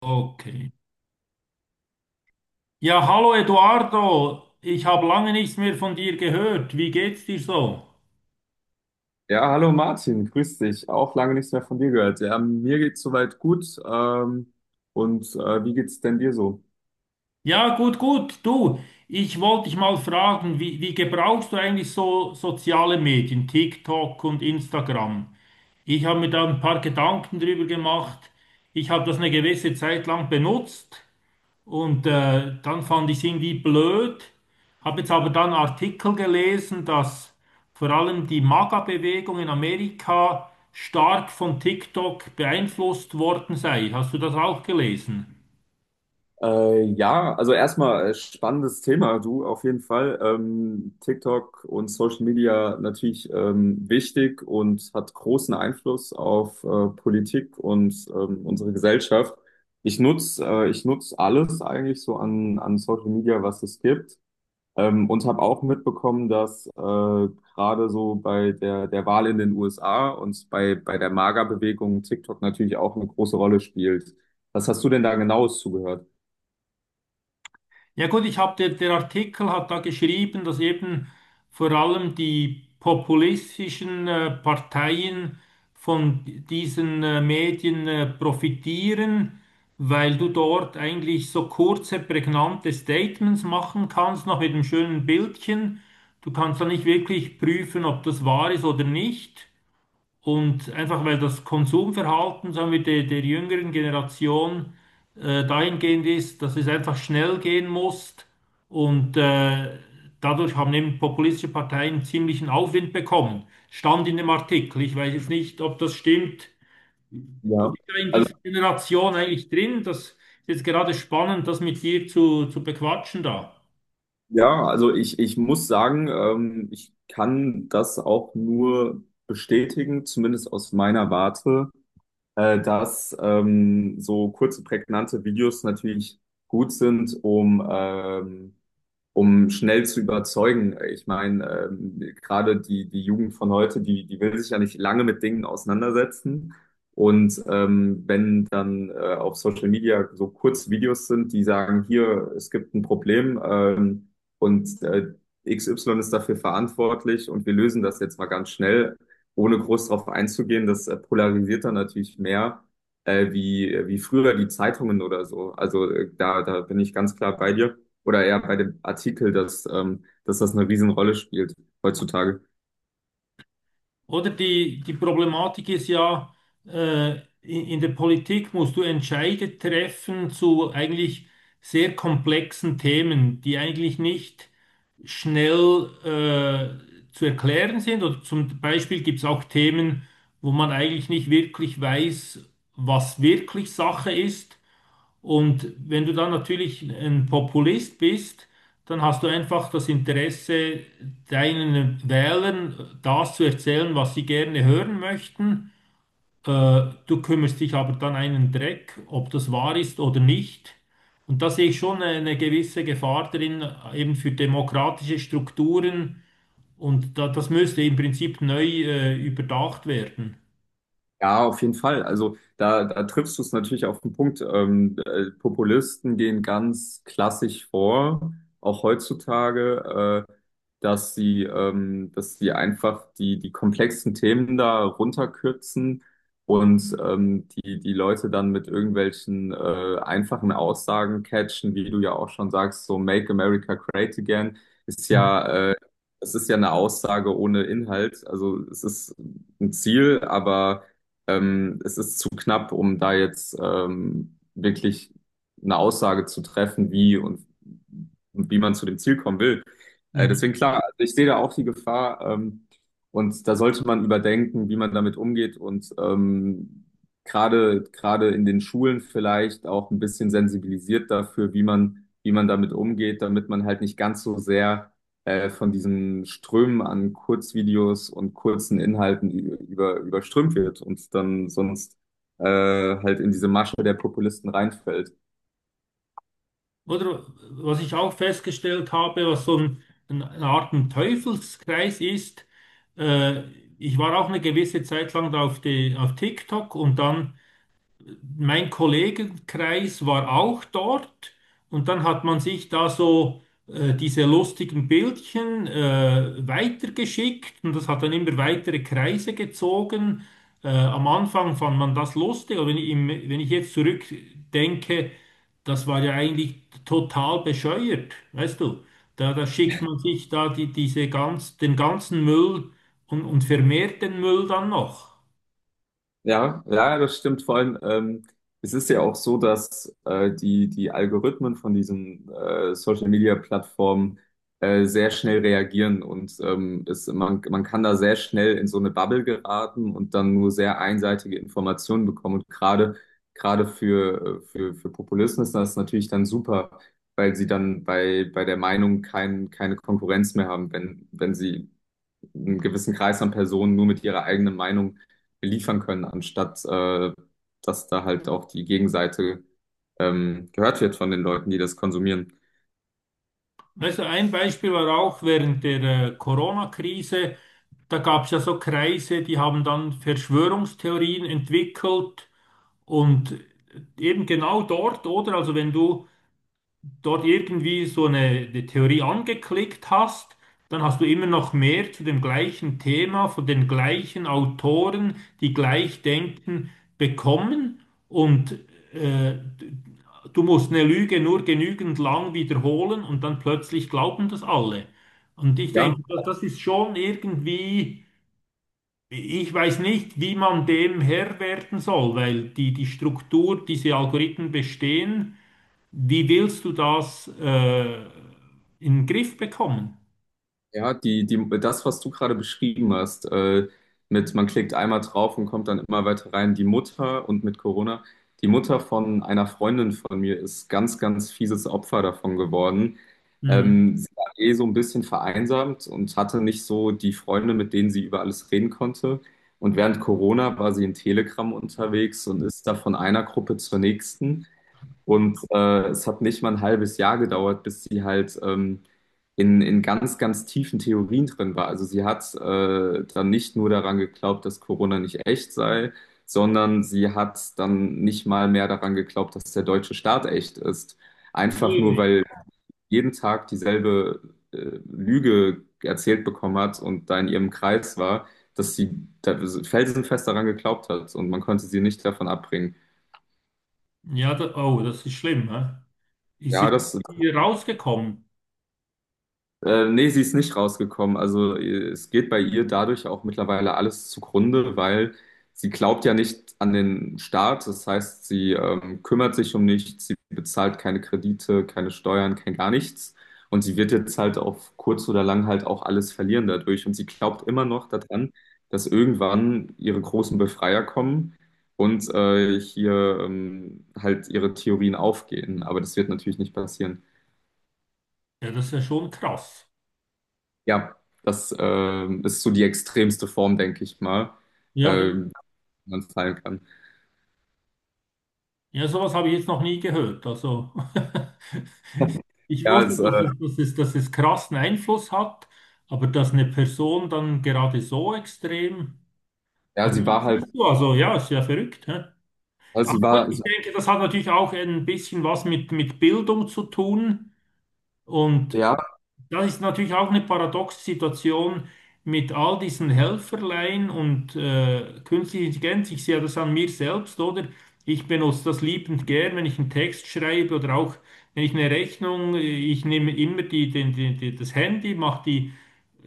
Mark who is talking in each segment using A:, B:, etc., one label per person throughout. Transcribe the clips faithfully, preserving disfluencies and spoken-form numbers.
A: Okay. Ja, hallo Eduardo, ich habe lange nichts mehr von dir gehört. Wie geht's dir so?
B: Ja, hallo Martin, grüß dich. Auch lange nichts mehr von dir gehört. Ja, mir geht's soweit gut. Ähm, und äh, wie geht's denn dir so?
A: Ja, gut, gut. Du, ich wollte dich mal fragen, wie, wie gebrauchst du eigentlich so soziale Medien, TikTok und Instagram? Ich habe mir da ein paar Gedanken drüber gemacht. Ich habe das eine gewisse Zeit lang benutzt. Und äh, dann fand ich es irgendwie blöd, habe jetzt aber dann Artikel gelesen, dass vor allem die MAGA-Bewegung in Amerika stark von TikTok beeinflusst worden sei. Hast du das auch gelesen?
B: Äh, ja, also erstmal äh, spannendes Thema, du auf jeden Fall. Ähm, TikTok und Social Media natürlich ähm, wichtig und hat großen Einfluss auf äh, Politik und ähm, unsere Gesellschaft. Ich nutz, äh, ich nutz alles eigentlich so an, an Social Media, was es gibt. Ähm, und habe auch mitbekommen, dass äh, gerade so bei der, der Wahl in den U S A und bei, bei der MAGA-Bewegung TikTok natürlich auch eine große Rolle spielt. Was hast du denn da genaues zugehört?
A: Ja gut, ich habe der, der Artikel hat da geschrieben, dass eben vor allem die populistischen äh, Parteien von diesen äh, Medien äh, profitieren, weil du dort eigentlich so kurze, prägnante Statements machen kannst, noch mit einem schönen Bildchen. Du kannst da nicht wirklich prüfen, ob das wahr ist oder nicht. Und einfach weil das Konsumverhalten, sagen wir, der, der jüngeren Generation äh, dahingehend ist, dass es einfach schnell gehen muss. Und äh, dadurch haben eben populistische Parteien ziemlichen Aufwind bekommen. Stand in dem Artikel. Ich weiß jetzt nicht, ob das stimmt. Du
B: Ja,
A: bist ja in
B: also,
A: dieser Generation eigentlich drin. Das ist jetzt gerade spannend, das mit dir zu, zu bequatschen da.
B: ja, also ich, ich muss sagen, ähm, ich kann das auch nur bestätigen, zumindest aus meiner Warte, äh, dass ähm, so kurze, prägnante Videos natürlich gut sind, um ähm, um schnell zu überzeugen. Ich meine, ähm, gerade die, die Jugend von heute, die, die will sich ja nicht lange mit Dingen auseinandersetzen. Und ähm, wenn dann äh, auf Social Media so kurze Videos sind, die sagen, hier, es gibt ein Problem ähm, und äh, X Y ist dafür verantwortlich und wir lösen das jetzt mal ganz schnell, ohne groß darauf einzugehen, das äh, polarisiert dann natürlich mehr äh, wie, wie früher die Zeitungen oder so. Also äh, da, da bin ich ganz klar bei dir oder eher bei dem Artikel, dass, ähm, dass das eine Riesenrolle spielt heutzutage.
A: Oder die, die Problematik ist ja, äh, in, in der Politik musst du Entscheide treffen zu eigentlich sehr komplexen Themen, die eigentlich nicht schnell äh, zu erklären sind. Oder zum Beispiel gibt es auch Themen, wo man eigentlich nicht wirklich weiß, was wirklich Sache ist. Und wenn du dann natürlich ein Populist bist, dann hast du einfach das Interesse, deinen Wählern das zu erzählen, was sie gerne hören möchten. Äh, Du kümmerst dich aber dann einen Dreck, ob das wahr ist oder nicht. Und da sehe ich schon eine gewisse Gefahr drin, eben für demokratische Strukturen. Und da, das müsste im Prinzip neu äh, überdacht werden.
B: Ja, auf jeden Fall. Also da, da triffst du es natürlich auf den Punkt. Ähm, äh, Populisten gehen ganz klassisch vor, auch heutzutage, äh, dass sie, ähm, dass sie einfach die, die komplexen Themen da runterkürzen und ähm, die, die Leute dann mit irgendwelchen äh, einfachen Aussagen catchen, wie du ja auch schon sagst, so Make America Great Again ist
A: Mhm.
B: ja, äh, es ist ja eine Aussage ohne Inhalt. Also es ist ein Ziel, aber ähm, es ist zu knapp, um da jetzt ähm, wirklich eine Aussage zu treffen, wie und und wie man zu dem Ziel kommen will. Äh,
A: Mhm.
B: deswegen klar, also ich sehe da auch die Gefahr ähm, und da sollte man überdenken, wie man damit umgeht und ähm, gerade gerade in den Schulen vielleicht auch ein bisschen sensibilisiert dafür, wie man wie man damit umgeht, damit man halt nicht ganz so sehr äh, von diesen Strömen an Kurzvideos und kurzen Inhalten ü- über, überströmt wird und dann sonst äh, halt in diese Masche der Populisten reinfällt.
A: Oder was ich auch festgestellt habe, was so ein, ein, eine Art ein Teufelskreis ist, äh, ich war auch eine gewisse Zeit lang da auf, die, auf TikTok und dann mein Kollegenkreis war auch dort und dann hat man sich da so äh, diese lustigen Bildchen äh, weitergeschickt und das hat dann immer weitere Kreise gezogen. Äh, am Anfang fand man das lustig, aber wenn ich, im, wenn ich jetzt zurückdenke, das war ja eigentlich total bescheuert, weißt du? Da, da schickt man sich da die, diese ganz, den ganzen Müll und, und vermehrt den Müll dann noch.
B: Ja, ja, das stimmt. Vor allem, ähm, es ist ja auch so, dass äh, die, die Algorithmen von diesen äh, Social-Media-Plattformen äh, sehr schnell reagieren und ähm, es, man, man kann da sehr schnell in so eine Bubble geraten und dann nur sehr einseitige Informationen bekommen. Und gerade, gerade für, äh, für, für Populisten ist das natürlich dann super, weil sie dann bei, bei der Meinung kein, keine Konkurrenz mehr haben, wenn, wenn sie einen gewissen Kreis an Personen nur mit ihrer eigenen Meinung beliefern können, anstatt äh, dass da halt auch die Gegenseite ähm, gehört wird von den Leuten, die das konsumieren.
A: Also ein Beispiel war auch während der äh, Corona-Krise, da gab es ja so Kreise, die haben dann Verschwörungstheorien entwickelt und eben genau dort, oder? Also wenn du dort irgendwie so eine, eine Theorie angeklickt hast, dann hast du immer noch mehr zu dem gleichen Thema von den gleichen Autoren, die gleich denken, bekommen. Und äh, du musst eine Lüge nur genügend lang wiederholen und dann plötzlich glauben das alle. Und ich
B: Ja,
A: denke, das, das ist schon irgendwie, ich weiß nicht, wie man dem Herr werden soll, weil die, die Struktur, diese Algorithmen bestehen. Wie willst du das äh, in den Griff bekommen?
B: Ja, die, die, das, was du gerade beschrieben hast, äh, mit man klickt einmal drauf und kommt dann immer weiter rein. Die Mutter und mit Corona, die Mutter von einer Freundin von mir ist ganz, ganz fieses Opfer davon geworden.
A: Mhm.
B: Ähm, sie war eh so ein bisschen vereinsamt und hatte nicht so die Freunde, mit denen sie über alles reden konnte. Und während Corona war sie in Telegram unterwegs und ist da von einer Gruppe zur nächsten. Und äh, es hat nicht mal ein halbes Jahr gedauert, bis sie halt ähm, in, in ganz, ganz tiefen Theorien drin war. Also sie hat äh, dann nicht nur daran geglaubt, dass Corona nicht echt sei, sondern sie hat dann nicht mal mehr daran geglaubt, dass der deutsche Staat echt ist. Einfach nur,
A: Ui.
B: weil jeden Tag dieselbe äh, Lüge erzählt bekommen hat und da in ihrem Kreis war, dass sie da felsenfest daran geglaubt hat und man konnte sie nicht davon abbringen.
A: Ja, da, oh, das ist schlimm. Hä? Ist sie
B: Ja, das
A: hier rausgekommen?
B: Äh, nee, sie ist nicht rausgekommen. Also äh, es geht bei ihr dadurch auch mittlerweile alles zugrunde, weil sie glaubt ja nicht an den Staat. Das heißt, sie ähm, kümmert sich um nichts, sie bezahlt keine Kredite, keine Steuern, kein gar nichts. Und sie wird jetzt halt auf kurz oder lang halt auch alles verlieren dadurch. Und sie glaubt immer noch daran, dass irgendwann ihre großen Befreier kommen und äh, hier ähm, halt ihre Theorien aufgehen. Aber das wird natürlich nicht passieren.
A: Ja, das ist ja schon krass.
B: Ja, das äh, ist so die extremste Form, denke ich mal,
A: Ja, äh,
B: äh, die man fallen kann.
A: ja, sowas habe ich jetzt noch nie gehört. Also, ich
B: Ja,
A: wusste,
B: es, äh,
A: dass es, dass es, dass es krassen Einfluss hat, aber dass eine Person dann gerade so extrem.
B: ja,
A: Aber
B: sie
A: ja,
B: war halt,
A: siehst du, also ja, ist ja verrückt. Hä? Ja,
B: also
A: aber
B: sie
A: gut,
B: war,
A: ich
B: sie,
A: denke, das hat natürlich auch ein bisschen was mit, mit Bildung zu tun. Und
B: ja,
A: das ist natürlich auch eine paradoxe Situation mit all diesen Helferlein und äh, künstlicher Intelligenz. Ich sehe das an mir selbst, oder? Ich benutze das liebend gern, wenn ich einen Text schreibe oder auch wenn ich eine Rechnung, äh, ich nehme immer die, den- den- den- das Handy, mache die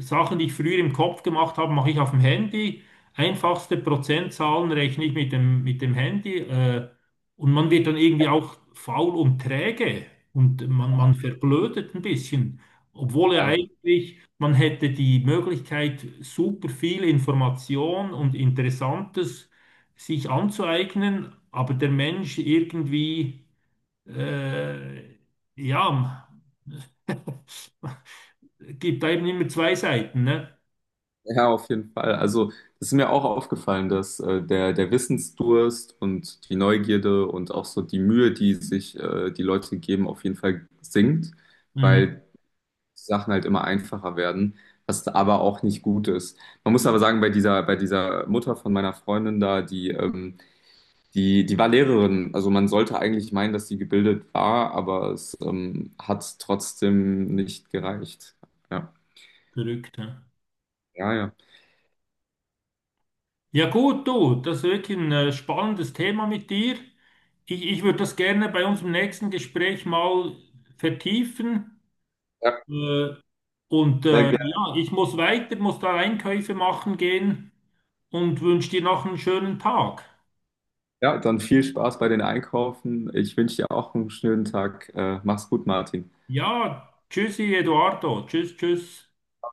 A: Sachen, die ich früher im Kopf gemacht habe, mache ich auf dem Handy. Einfachste Prozentzahlen rechne ich mit dem, mit dem Handy. Äh, und man wird dann irgendwie auch faul und träge und man, man verblödet ein bisschen. Obwohl ja
B: ja,
A: eigentlich, man hätte die Möglichkeit, super viel Information und Interessantes sich anzueignen, aber der Mensch irgendwie. Äh, ja, gibt da eben immer zwei Seiten, ne?
B: Ja, auf jeden Fall. Also es ist mir auch aufgefallen, dass äh, der, der Wissensdurst und die Neugierde und auch so die Mühe, die sich äh, die Leute geben, auf jeden Fall sinkt,
A: Mhm.
B: weil Sachen halt immer einfacher werden, was aber auch nicht gut ist. Man muss aber sagen, bei dieser, bei dieser Mutter von meiner Freundin da, die ähm, Die, die war Lehrerin, also man sollte eigentlich meinen, dass sie gebildet war, aber es ähm, hat trotzdem nicht gereicht. Ja,
A: Verrückt, ja.
B: ja, ja.
A: Ja gut, du, das ist wirklich ein äh, spannendes Thema mit dir. Ich, ich würde das gerne bei unserem nächsten Gespräch mal vertiefen.
B: Ja,
A: Äh, und
B: sehr
A: äh,
B: gerne.
A: ja, ich muss weiter, muss da Einkäufe machen gehen und wünsche dir noch einen schönen Tag.
B: Ja, dann viel Spaß bei den Einkaufen. Ich wünsche dir auch einen schönen Tag. Äh, mach's gut, Martin.
A: Ja, tschüssi, Eduardo. Tschüss, tschüss.